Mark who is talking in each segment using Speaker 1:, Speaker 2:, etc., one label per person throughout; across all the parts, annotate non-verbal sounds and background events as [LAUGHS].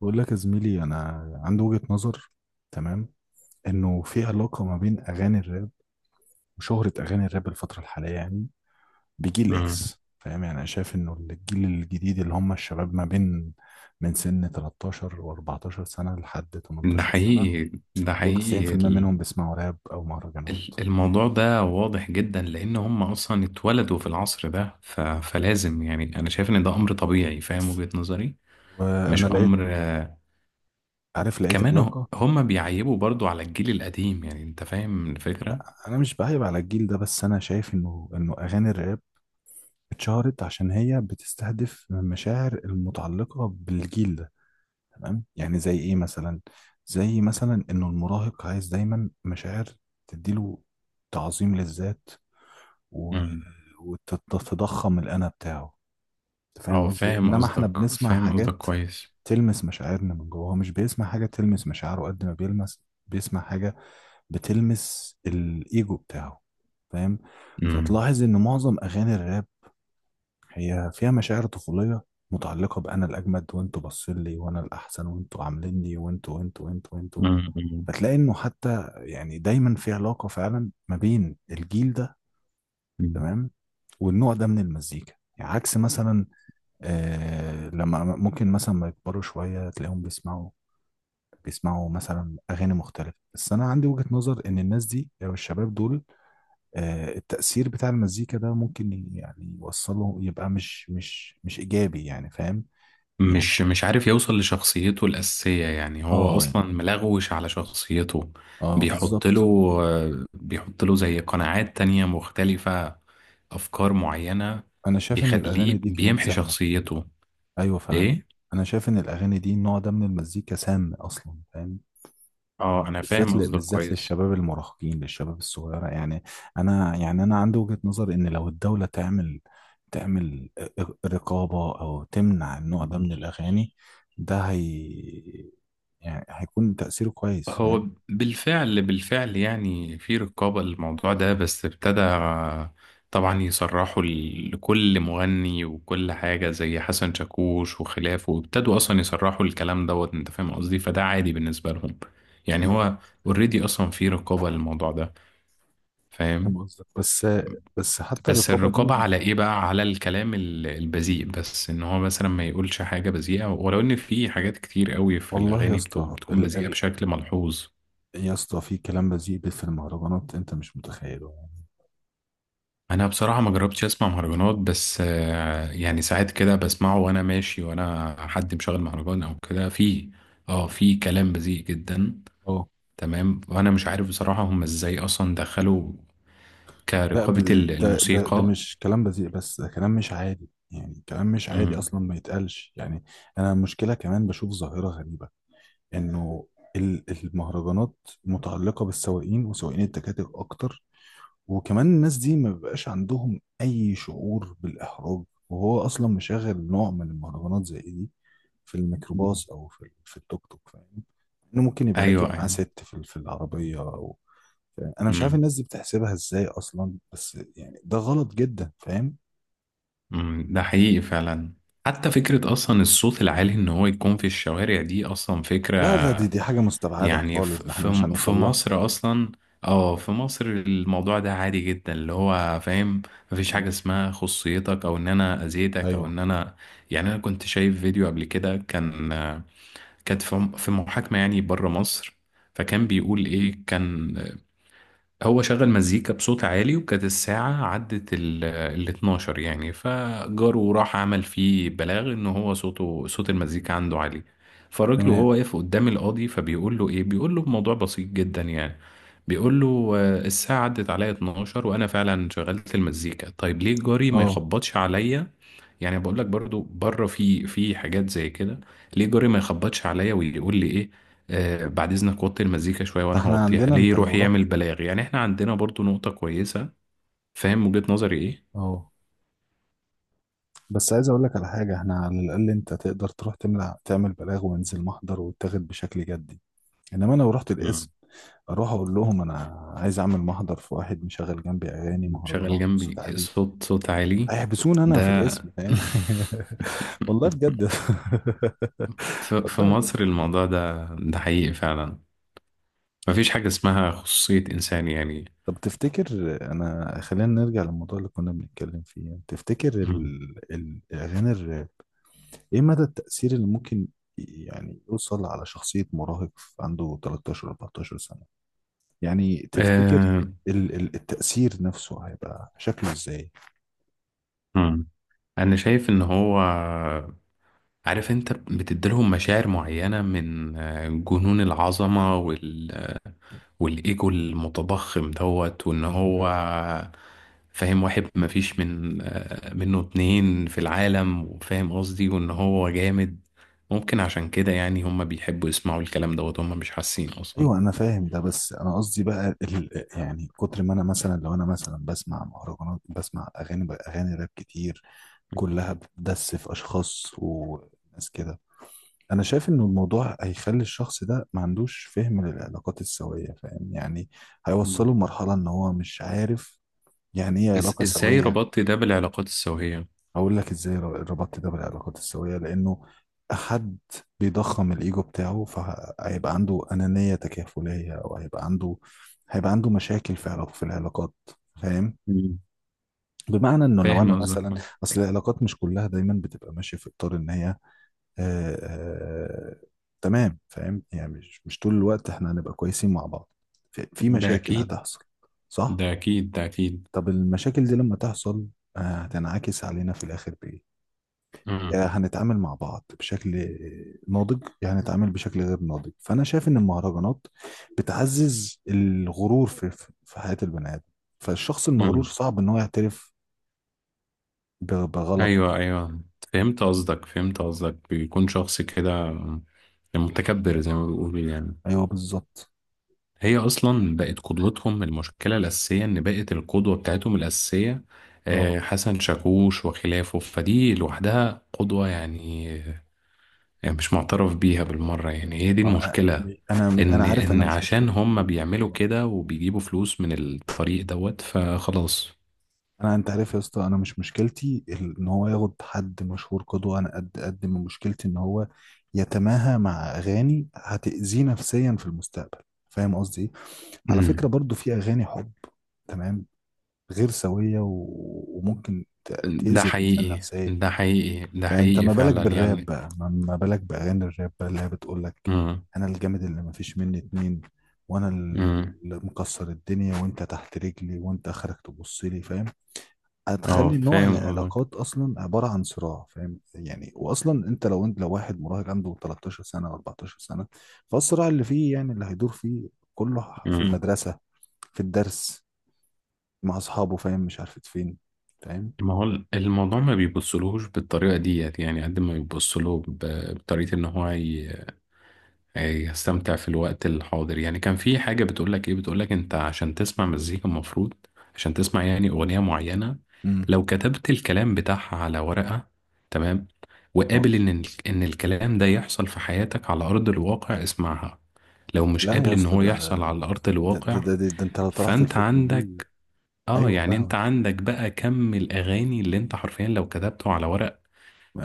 Speaker 1: بقول لك يا زميلي، انا عندي وجهة نظر. تمام. انه في علاقة ما بين اغاني الراب وشهرة اغاني الراب الفترة الحالية، يعني بجيل
Speaker 2: مم.
Speaker 1: اكس. فاهم؟ يعني انا شايف انه الجيل الجديد اللي هم الشباب ما بين من سن 13 و14 سنة لحد
Speaker 2: ده
Speaker 1: 18 سنة،
Speaker 2: حقيقي، ده
Speaker 1: دول
Speaker 2: حقيقي.
Speaker 1: 90% منهم بيسمعوا راب او مهرجانات.
Speaker 2: الموضوع ده واضح جدا لان هم اصلا اتولدوا في العصر ده، فلازم. يعني انا شايف ان ده امر طبيعي. فاهم وجهة نظري؟
Speaker 1: وانا
Speaker 2: مش امر،
Speaker 1: لقيت
Speaker 2: كمان
Speaker 1: علاقة.
Speaker 2: هم بيعيبوا برضو على الجيل القديم. يعني انت فاهم الفكرة؟
Speaker 1: لا، انا مش بعيب على الجيل ده، بس انا شايف انه اغاني الراب اتشهرت عشان هي بتستهدف المشاعر المتعلقة بالجيل ده. تمام، يعني زي ايه مثلا؟ زي مثلا انه المراهق عايز دايما مشاعر تديله تعظيم للذات، و...
Speaker 2: مم.
Speaker 1: وتتضخم الانا بتاعه. انت فاهم
Speaker 2: اه،
Speaker 1: قصدي إيه؟
Speaker 2: فاهم
Speaker 1: انما احنا
Speaker 2: قصدك،
Speaker 1: بنسمع
Speaker 2: فاهم قصدك
Speaker 1: حاجات
Speaker 2: كويس.
Speaker 1: تلمس مشاعرنا من جوه. هو مش بيسمع حاجة تلمس مشاعره قد ما بيلمس، بيسمع حاجة بتلمس الايجو بتاعه. فاهم؟
Speaker 2: مم.
Speaker 1: فتلاحظ ان معظم اغاني الراب هي فيها مشاعر طفولية متعلقة بأنا الأجمد وأنتوا باصين لي وأنا الأحسن وأنتوا عامليني وأنتوا وأنتوا وأنتوا وأنتوا. فتلاقي إنه حتى يعني دايما في علاقة فعلا ما بين الجيل ده.
Speaker 2: مم.
Speaker 1: تمام. والنوع ده من المزيكا، يعني عكس مثلا. لما ممكن مثلا ما يكبروا شوية تلاقيهم بيسمعوا مثلا أغاني مختلفة. بس أنا عندي وجهة نظر إن الناس دي أو الشباب دول، التأثير بتاع المزيكا ده ممكن يعني يوصله، يبقى مش إيجابي. يعني فاهم؟ يعني
Speaker 2: مش عارف يوصل لشخصيته الأساسية، يعني هو
Speaker 1: اه،
Speaker 2: أصلا
Speaker 1: يعني
Speaker 2: ملغوش على شخصيته.
Speaker 1: اه
Speaker 2: بيحط له،
Speaker 1: بالظبط.
Speaker 2: بيحط له زي قناعات تانية مختلفة، أفكار معينة.
Speaker 1: أنا شايف إن الأغاني
Speaker 2: بيخليه
Speaker 1: دي كمان
Speaker 2: بيمحي
Speaker 1: سامة.
Speaker 2: شخصيته.
Speaker 1: أيوه فعلا.
Speaker 2: إيه؟
Speaker 1: أنا شايف إن الأغاني دي النوع ده من المزيكا سام أصلا. فاهم؟
Speaker 2: آه، أنا
Speaker 1: بالذات
Speaker 2: فاهم قصدك
Speaker 1: بالذات
Speaker 2: كويس.
Speaker 1: للشباب المراهقين للشباب الصغيرة. يعني أنا، يعني أنا عندي وجهة نظر إن لو الدولة تعمل رقابة أو تمنع النوع ده من الأغاني. ده هي، يعني هيكون تأثيره كويس.
Speaker 2: هو
Speaker 1: فاهم؟
Speaker 2: بالفعل بالفعل يعني في رقابة للموضوع ده، بس ابتدى طبعا يصرحوا لكل مغني وكل حاجة، زي حسن شاكوش وخلافه، وابتدوا أصلا يصرحوا الكلام دوت. أنت فاهم قصدي؟ فده عادي بالنسبة لهم، يعني
Speaker 1: مم.
Speaker 2: هو اوريدي أصلا في رقابة للموضوع ده، فاهم؟
Speaker 1: فاهم قصدك، بس بس حتى
Speaker 2: بس
Speaker 1: الرقابه دي
Speaker 2: الرقابة على
Speaker 1: مش...
Speaker 2: إيه بقى؟ على الكلام البذيء، بس إن هو مثلا ما يقولش حاجة بذيئة، ولو إن في حاجات كتير قوي في
Speaker 1: والله يا
Speaker 2: الأغاني
Speaker 1: اسطى،
Speaker 2: بتكون بذيئة بشكل ملحوظ.
Speaker 1: يا اسطى في كلام بذيء في المهرجانات انت مش متخيله.
Speaker 2: انا بصراحه ما جربتش اسمع مهرجانات، بس
Speaker 1: يعني
Speaker 2: يعني ساعات كده بسمعه وانا ماشي وانا حد مشغل مهرجان او كده في. اه، في كلام بذيء جدا.
Speaker 1: اه.
Speaker 2: تمام، وانا مش عارف بصراحه هم ازاي اصلا دخلوا
Speaker 1: لا،
Speaker 2: كرقابه
Speaker 1: ده
Speaker 2: الموسيقى.
Speaker 1: مش كلام بذيء، بس ده كلام مش عادي. يعني كلام مش عادي
Speaker 2: امم.
Speaker 1: اصلا، ما يتقالش يعني. انا المشكله كمان بشوف ظاهره غريبه، انه المهرجانات متعلقه بالسواقين وسواقين التكاتك اكتر. وكمان الناس دي ما بيبقاش عندهم اي شعور بالاحراج، وهو اصلا مشغل نوع من المهرجانات زي إيه دي في الميكروباص او في في التوك توك. فاهم؟ انه ممكن يبقى راكب
Speaker 2: ايوه،
Speaker 1: معاه
Speaker 2: ايوه.
Speaker 1: ست في في العربيه او... انا مش عارف
Speaker 2: امم.
Speaker 1: الناس دي بتحسبها ازاي اصلا، بس يعني ده غلط جدا. فاهم؟
Speaker 2: أمم، ده حقيقي فعلا. حتى فكره اصلا الصوت العالي ان هو يكون في الشوارع دي اصلا فكره.
Speaker 1: لا لا، دي حاجه مستبعده
Speaker 2: يعني
Speaker 1: خالص. ده احنا مش
Speaker 2: في
Speaker 1: هنوصل لها.
Speaker 2: مصر اصلا. اه، في مصر الموضوع ده عادي جدا، اللي هو فاهم. مفيش حاجة اسمها خصيتك، او ان انا اذيتك، او
Speaker 1: ايوه.
Speaker 2: ان انا، يعني انا كنت شايف فيديو قبل كده، كان، كانت في محاكمة يعني بره مصر. فكان بيقول ايه، كان هو شغل مزيكا بصوت عالي، وكانت الساعة عدت ال 12، يعني فجاره راح عمل فيه بلاغ ان هو صوته، صوت المزيكا عنده عالي. فالراجل
Speaker 1: تمام.
Speaker 2: وهو واقف قدام القاضي فبيقول له ايه، بيقول له الموضوع بسيط جدا يعني. بيقول له الساعة عدت عليا 12، وانا فعلا شغلت المزيكا، طيب ليه جاري ما
Speaker 1: اه.
Speaker 2: يخبطش عليا؟ يعني بقول لك برضو بره في حاجات زي كده. ليه جاري ما يخبطش عليا ويقول لي ايه؟ آه، بعد اذنك وطي المزيكا شويه
Speaker 1: ده
Speaker 2: وانا
Speaker 1: احنا
Speaker 2: هوطيها.
Speaker 1: عندنا،
Speaker 2: ليه
Speaker 1: انت
Speaker 2: يروح
Speaker 1: لو
Speaker 2: يعمل
Speaker 1: رحت...
Speaker 2: بلاغ؟ يعني احنا عندنا برضو نقطه كويسه. فاهم وجهه نظري ايه؟
Speaker 1: اه، بس عايز اقول لك على حاجه. احنا على الاقل انت تقدر تروح تملع تعمل بلاغ، وينزل محضر ويتاخد بشكل جدي. انما انا لو رحت القسم
Speaker 2: مم.
Speaker 1: اروح اقول لهم انا عايز اعمل محضر في واحد مشغل جنبي اغاني
Speaker 2: شغال
Speaker 1: مهرجانات بصوت
Speaker 2: جنبي،
Speaker 1: عالي،
Speaker 2: صوت عالي.
Speaker 1: هيحبسوني انا في
Speaker 2: ده
Speaker 1: القسم. فاهم؟ [LAUGHS] والله بجد.
Speaker 2: [LAUGHS]
Speaker 1: [LAUGHS]
Speaker 2: في
Speaker 1: والله بجد.
Speaker 2: مصر الموضوع ده، ده حقيقي فعلا. مفيش حاجه اسمها خصوصيه انسان يعني.
Speaker 1: طب تفتكر... انا خلينا نرجع للموضوع اللي كنا بنتكلم فيه. تفتكر
Speaker 2: مم.
Speaker 1: الاغاني ايه مدى التأثير اللي ممكن يعني يوصل على شخصية مراهق عنده 13 14 سنة؟ يعني تفتكر
Speaker 2: آه.
Speaker 1: التأثير نفسه هيبقى شكله ازاي؟
Speaker 2: مم. انا شايف ان هو، عارف، انت بتديلهم مشاعر معينة من جنون العظمة، والإيجو المتضخم دوت، وإن هو فاهم، واحد مفيش من آه، منه اتنين في العالم، وفاهم قصدي، وإن هو جامد. ممكن عشان كده يعني هم بيحبوا يسمعوا الكلام دوت. هم مش حاسين أصلا.
Speaker 1: ايوه انا فاهم ده. بس انا قصدي بقى ال يعني، كتر ما انا مثلا، لو انا مثلا بسمع مهرجانات، بسمع اغاني راب كتير كلها بتدس في اشخاص وناس كده، انا شايف ان الموضوع هيخلي الشخص ده ما عندوش فهم للعلاقات السوية. فاهم يعني؟
Speaker 2: مم.
Speaker 1: هيوصله لمرحلة ان هو مش عارف يعني ايه علاقة
Speaker 2: إزاي
Speaker 1: سوية.
Speaker 2: ربطت ده بالعلاقات السوية؟
Speaker 1: اقول لك ازاي ربطت ده بالعلاقات السوية. لانه حد بيضخم الايجو بتاعه، فهيبقى عنده انانية تكافلية، او هيبقى عنده مشاكل في في العلاقات. فاهم؟
Speaker 2: مم.
Speaker 1: بمعنى انه لو
Speaker 2: فاهم
Speaker 1: انا مثلا...
Speaker 2: قصدك.
Speaker 1: اصل العلاقات مش كلها دايما بتبقى ماشية في اطار ان هي... آه آه تمام. فاهم يعني؟ مش طول الوقت احنا هنبقى كويسين مع بعض، في
Speaker 2: ده
Speaker 1: مشاكل
Speaker 2: أكيد،
Speaker 1: هتحصل. صح.
Speaker 2: ده أكيد، ده أكيد.
Speaker 1: طب المشاكل دي لما تحصل، هتنعكس علينا في الآخر بإيه؟
Speaker 2: مم.
Speaker 1: يا هنتعامل مع بعض بشكل ناضج، يا هنتعامل بشكل غير ناضج. فانا شايف ان المهرجانات بتعزز الغرور في في حياة البني ادم. فالشخص المغرور
Speaker 2: مم.
Speaker 1: صعب ان هو يعترف بغلطه.
Speaker 2: ايوه، ايوه، فهمت قصدك، فهمت قصدك. بيكون شخص كده متكبر، زي ما بيقولوا يعني.
Speaker 1: ايوه بالظبط.
Speaker 2: هي اصلا بقت قدوتهم، المشكله الاساسيه ان بقت القدوه بتاعتهم الاساسيه
Speaker 1: اه.
Speaker 2: حسن شاكوش وخلافه، فدي لوحدها قدوه يعني. يعني مش معترف بيها بالمره يعني، هي دي
Speaker 1: آه،
Speaker 2: المشكله.
Speaker 1: انا
Speaker 2: ان
Speaker 1: عارف، انا
Speaker 2: ان
Speaker 1: مش
Speaker 2: عشان
Speaker 1: مشكلتي.
Speaker 2: هم بيعملوا كده وبيجيبوا فلوس من الطريق دوت، فخلاص.
Speaker 1: انا، انت عارف يا اسطى، انا مش مشكلتي ان هو ياخد حد مشهور قدوة. انا قد ما مشكلتي ان هو يتماهى مع اغاني هتأذيه نفسيا في المستقبل. فاهم قصدي إيه؟ على فكرة
Speaker 2: امم.
Speaker 1: برضو في أغاني حب، تمام، غير سوية، وممكن
Speaker 2: ده
Speaker 1: تأذي الإنسان
Speaker 2: حقيقي،
Speaker 1: نفسيا.
Speaker 2: ده حقيقي، ده
Speaker 1: فأنت
Speaker 2: حقيقي
Speaker 1: ما بالك
Speaker 2: فعلا
Speaker 1: بالراب
Speaker 2: يعني.
Speaker 1: بقى؟ ما بالك بأغاني الراب بقى، اللي هي بتقولك:
Speaker 2: امم.
Speaker 1: أنا الجامد اللي ما فيش مني اتنين، وأنا اللي
Speaker 2: امم.
Speaker 1: مكسر الدنيا، وأنت تحت رجلي، وأنت آخرك تبص لي. فاهم؟
Speaker 2: اه،
Speaker 1: هتخلي نوع
Speaker 2: فاهم قصدك.
Speaker 1: العلاقات اصلا عباره عن صراع. فاهم يعني؟ واصلا انت لو واحد مراهق عنده 13 سنه او 14 سنه، فالصراع اللي فيه يعني اللي هيدور فيه كله في
Speaker 2: امم.
Speaker 1: المدرسه، في الدرس، مع اصحابه، فاهم، مش عارف فين. فاهم؟
Speaker 2: ما هو الموضوع ما بيبصلهوش بالطريقه ديت، يعني قد ما بيبصله بطريقه ان هو يستمتع في الوقت الحاضر. يعني كان في حاجه بتقول لك ايه، بتقول لك انت عشان تسمع مزيكا المفروض، عشان تسمع يعني اغنيه معينه،
Speaker 1: امم
Speaker 2: لو كتبت الكلام بتاعها على ورقه، تمام،
Speaker 1: اه.
Speaker 2: وقابل ان ان الكلام ده يحصل في حياتك على ارض الواقع، اسمعها. لو مش
Speaker 1: لا
Speaker 2: قابل
Speaker 1: يا
Speaker 2: ان
Speaker 1: اسطى،
Speaker 2: هو
Speaker 1: ده
Speaker 2: يحصل على ارض
Speaker 1: ده ده,
Speaker 2: الواقع،
Speaker 1: ده, ده, ده انت لو طرحت
Speaker 2: فانت
Speaker 1: الفكره دي...
Speaker 2: عندك. اه،
Speaker 1: ايوه
Speaker 2: يعني انت
Speaker 1: فاهمك.
Speaker 2: عندك بقى كم الاغاني اللي انت حرفيا لو كتبته على ورق،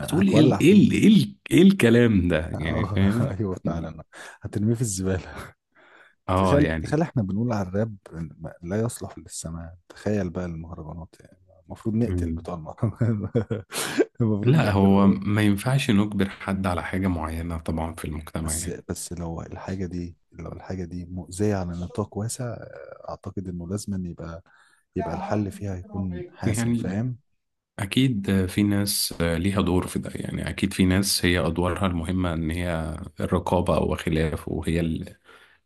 Speaker 2: هتقول ايه ال- ايه
Speaker 1: فيه.
Speaker 2: ال- ايه ال- ايه الكلام ده يعني،
Speaker 1: اه. [LAUGHS]
Speaker 2: فاهم؟
Speaker 1: ايوه
Speaker 2: دي-
Speaker 1: فعلا. هترميه في الزباله.
Speaker 2: اه
Speaker 1: تخيل،
Speaker 2: يعني.
Speaker 1: تخيل، احنا بنقول على الراب لا يصلح للسماع، تخيل بقى المهرجانات. يعني المفروض نقتل
Speaker 2: مم.
Speaker 1: بتوع المهرجانات. [LAUGHS] المفروض
Speaker 2: لا، هو
Speaker 1: نقتله.
Speaker 2: ما ينفعش نجبر حد على حاجة معينة طبعا في المجتمع
Speaker 1: بس
Speaker 2: يعني.
Speaker 1: بس لو الحاجة دي، لو الحاجة دي مؤذية على نطاق واسع، أعتقد إنه لازم أن يبقى الحل فيها يكون حاسم.
Speaker 2: يعني
Speaker 1: فاهم؟
Speaker 2: اكيد في ناس ليها دور في ده، يعني اكيد في ناس هي ادوارها المهمة ان هي الرقابة وخلافه، وهي ال-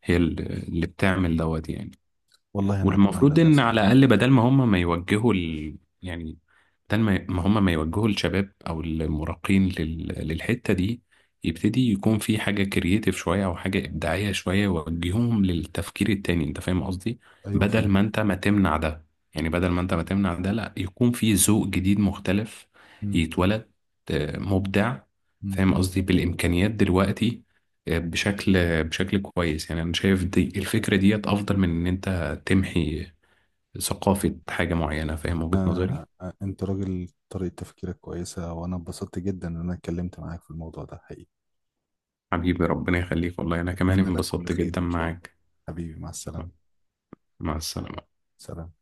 Speaker 2: هي ال- اللي بتعمل دوت يعني.
Speaker 1: والله أنا أتمنى
Speaker 2: والمفروض
Speaker 1: ده
Speaker 2: ان
Speaker 1: صح.
Speaker 2: على الاقل بدل ما هم ما يوجهوا ال... يعني بدل ما هم ما يوجهوا الشباب او المراهقين لل... للحته دي، يبتدي يكون في حاجه كرييتيف شويه او حاجه ابداعيه شويه يوجههم للتفكير التاني. انت فاهم قصدي؟
Speaker 1: أيوه
Speaker 2: بدل ما
Speaker 1: فاهم.
Speaker 2: انت ما تمنع ده يعني، بدل ما انت ما تمنع ده، لا يكون في ذوق جديد مختلف
Speaker 1: مم.
Speaker 2: يتولد، مبدع.
Speaker 1: مم.
Speaker 2: فاهم قصدي؟ بالامكانيات دلوقتي آه، بشكل بشكل كويس. يعني انا شايف دي الفكره ديت افضل من ان انت تمحي ثقافة حاجة معينة. فاهم وجهة نظري؟
Speaker 1: أنا... أنت راجل طريقة تفكيرك كويسة، وأنا اتبسطت جدا إن أنا اتكلمت معاك في الموضوع ده، حقيقي.
Speaker 2: حبيبي ربنا يخليك. والله أنا كمان
Speaker 1: أتمنى لك كل
Speaker 2: انبسطت
Speaker 1: خير
Speaker 2: جدا
Speaker 1: إن شاء الله.
Speaker 2: معاك.
Speaker 1: حبيبي مع السلامة.
Speaker 2: مع السلامة.
Speaker 1: سلام.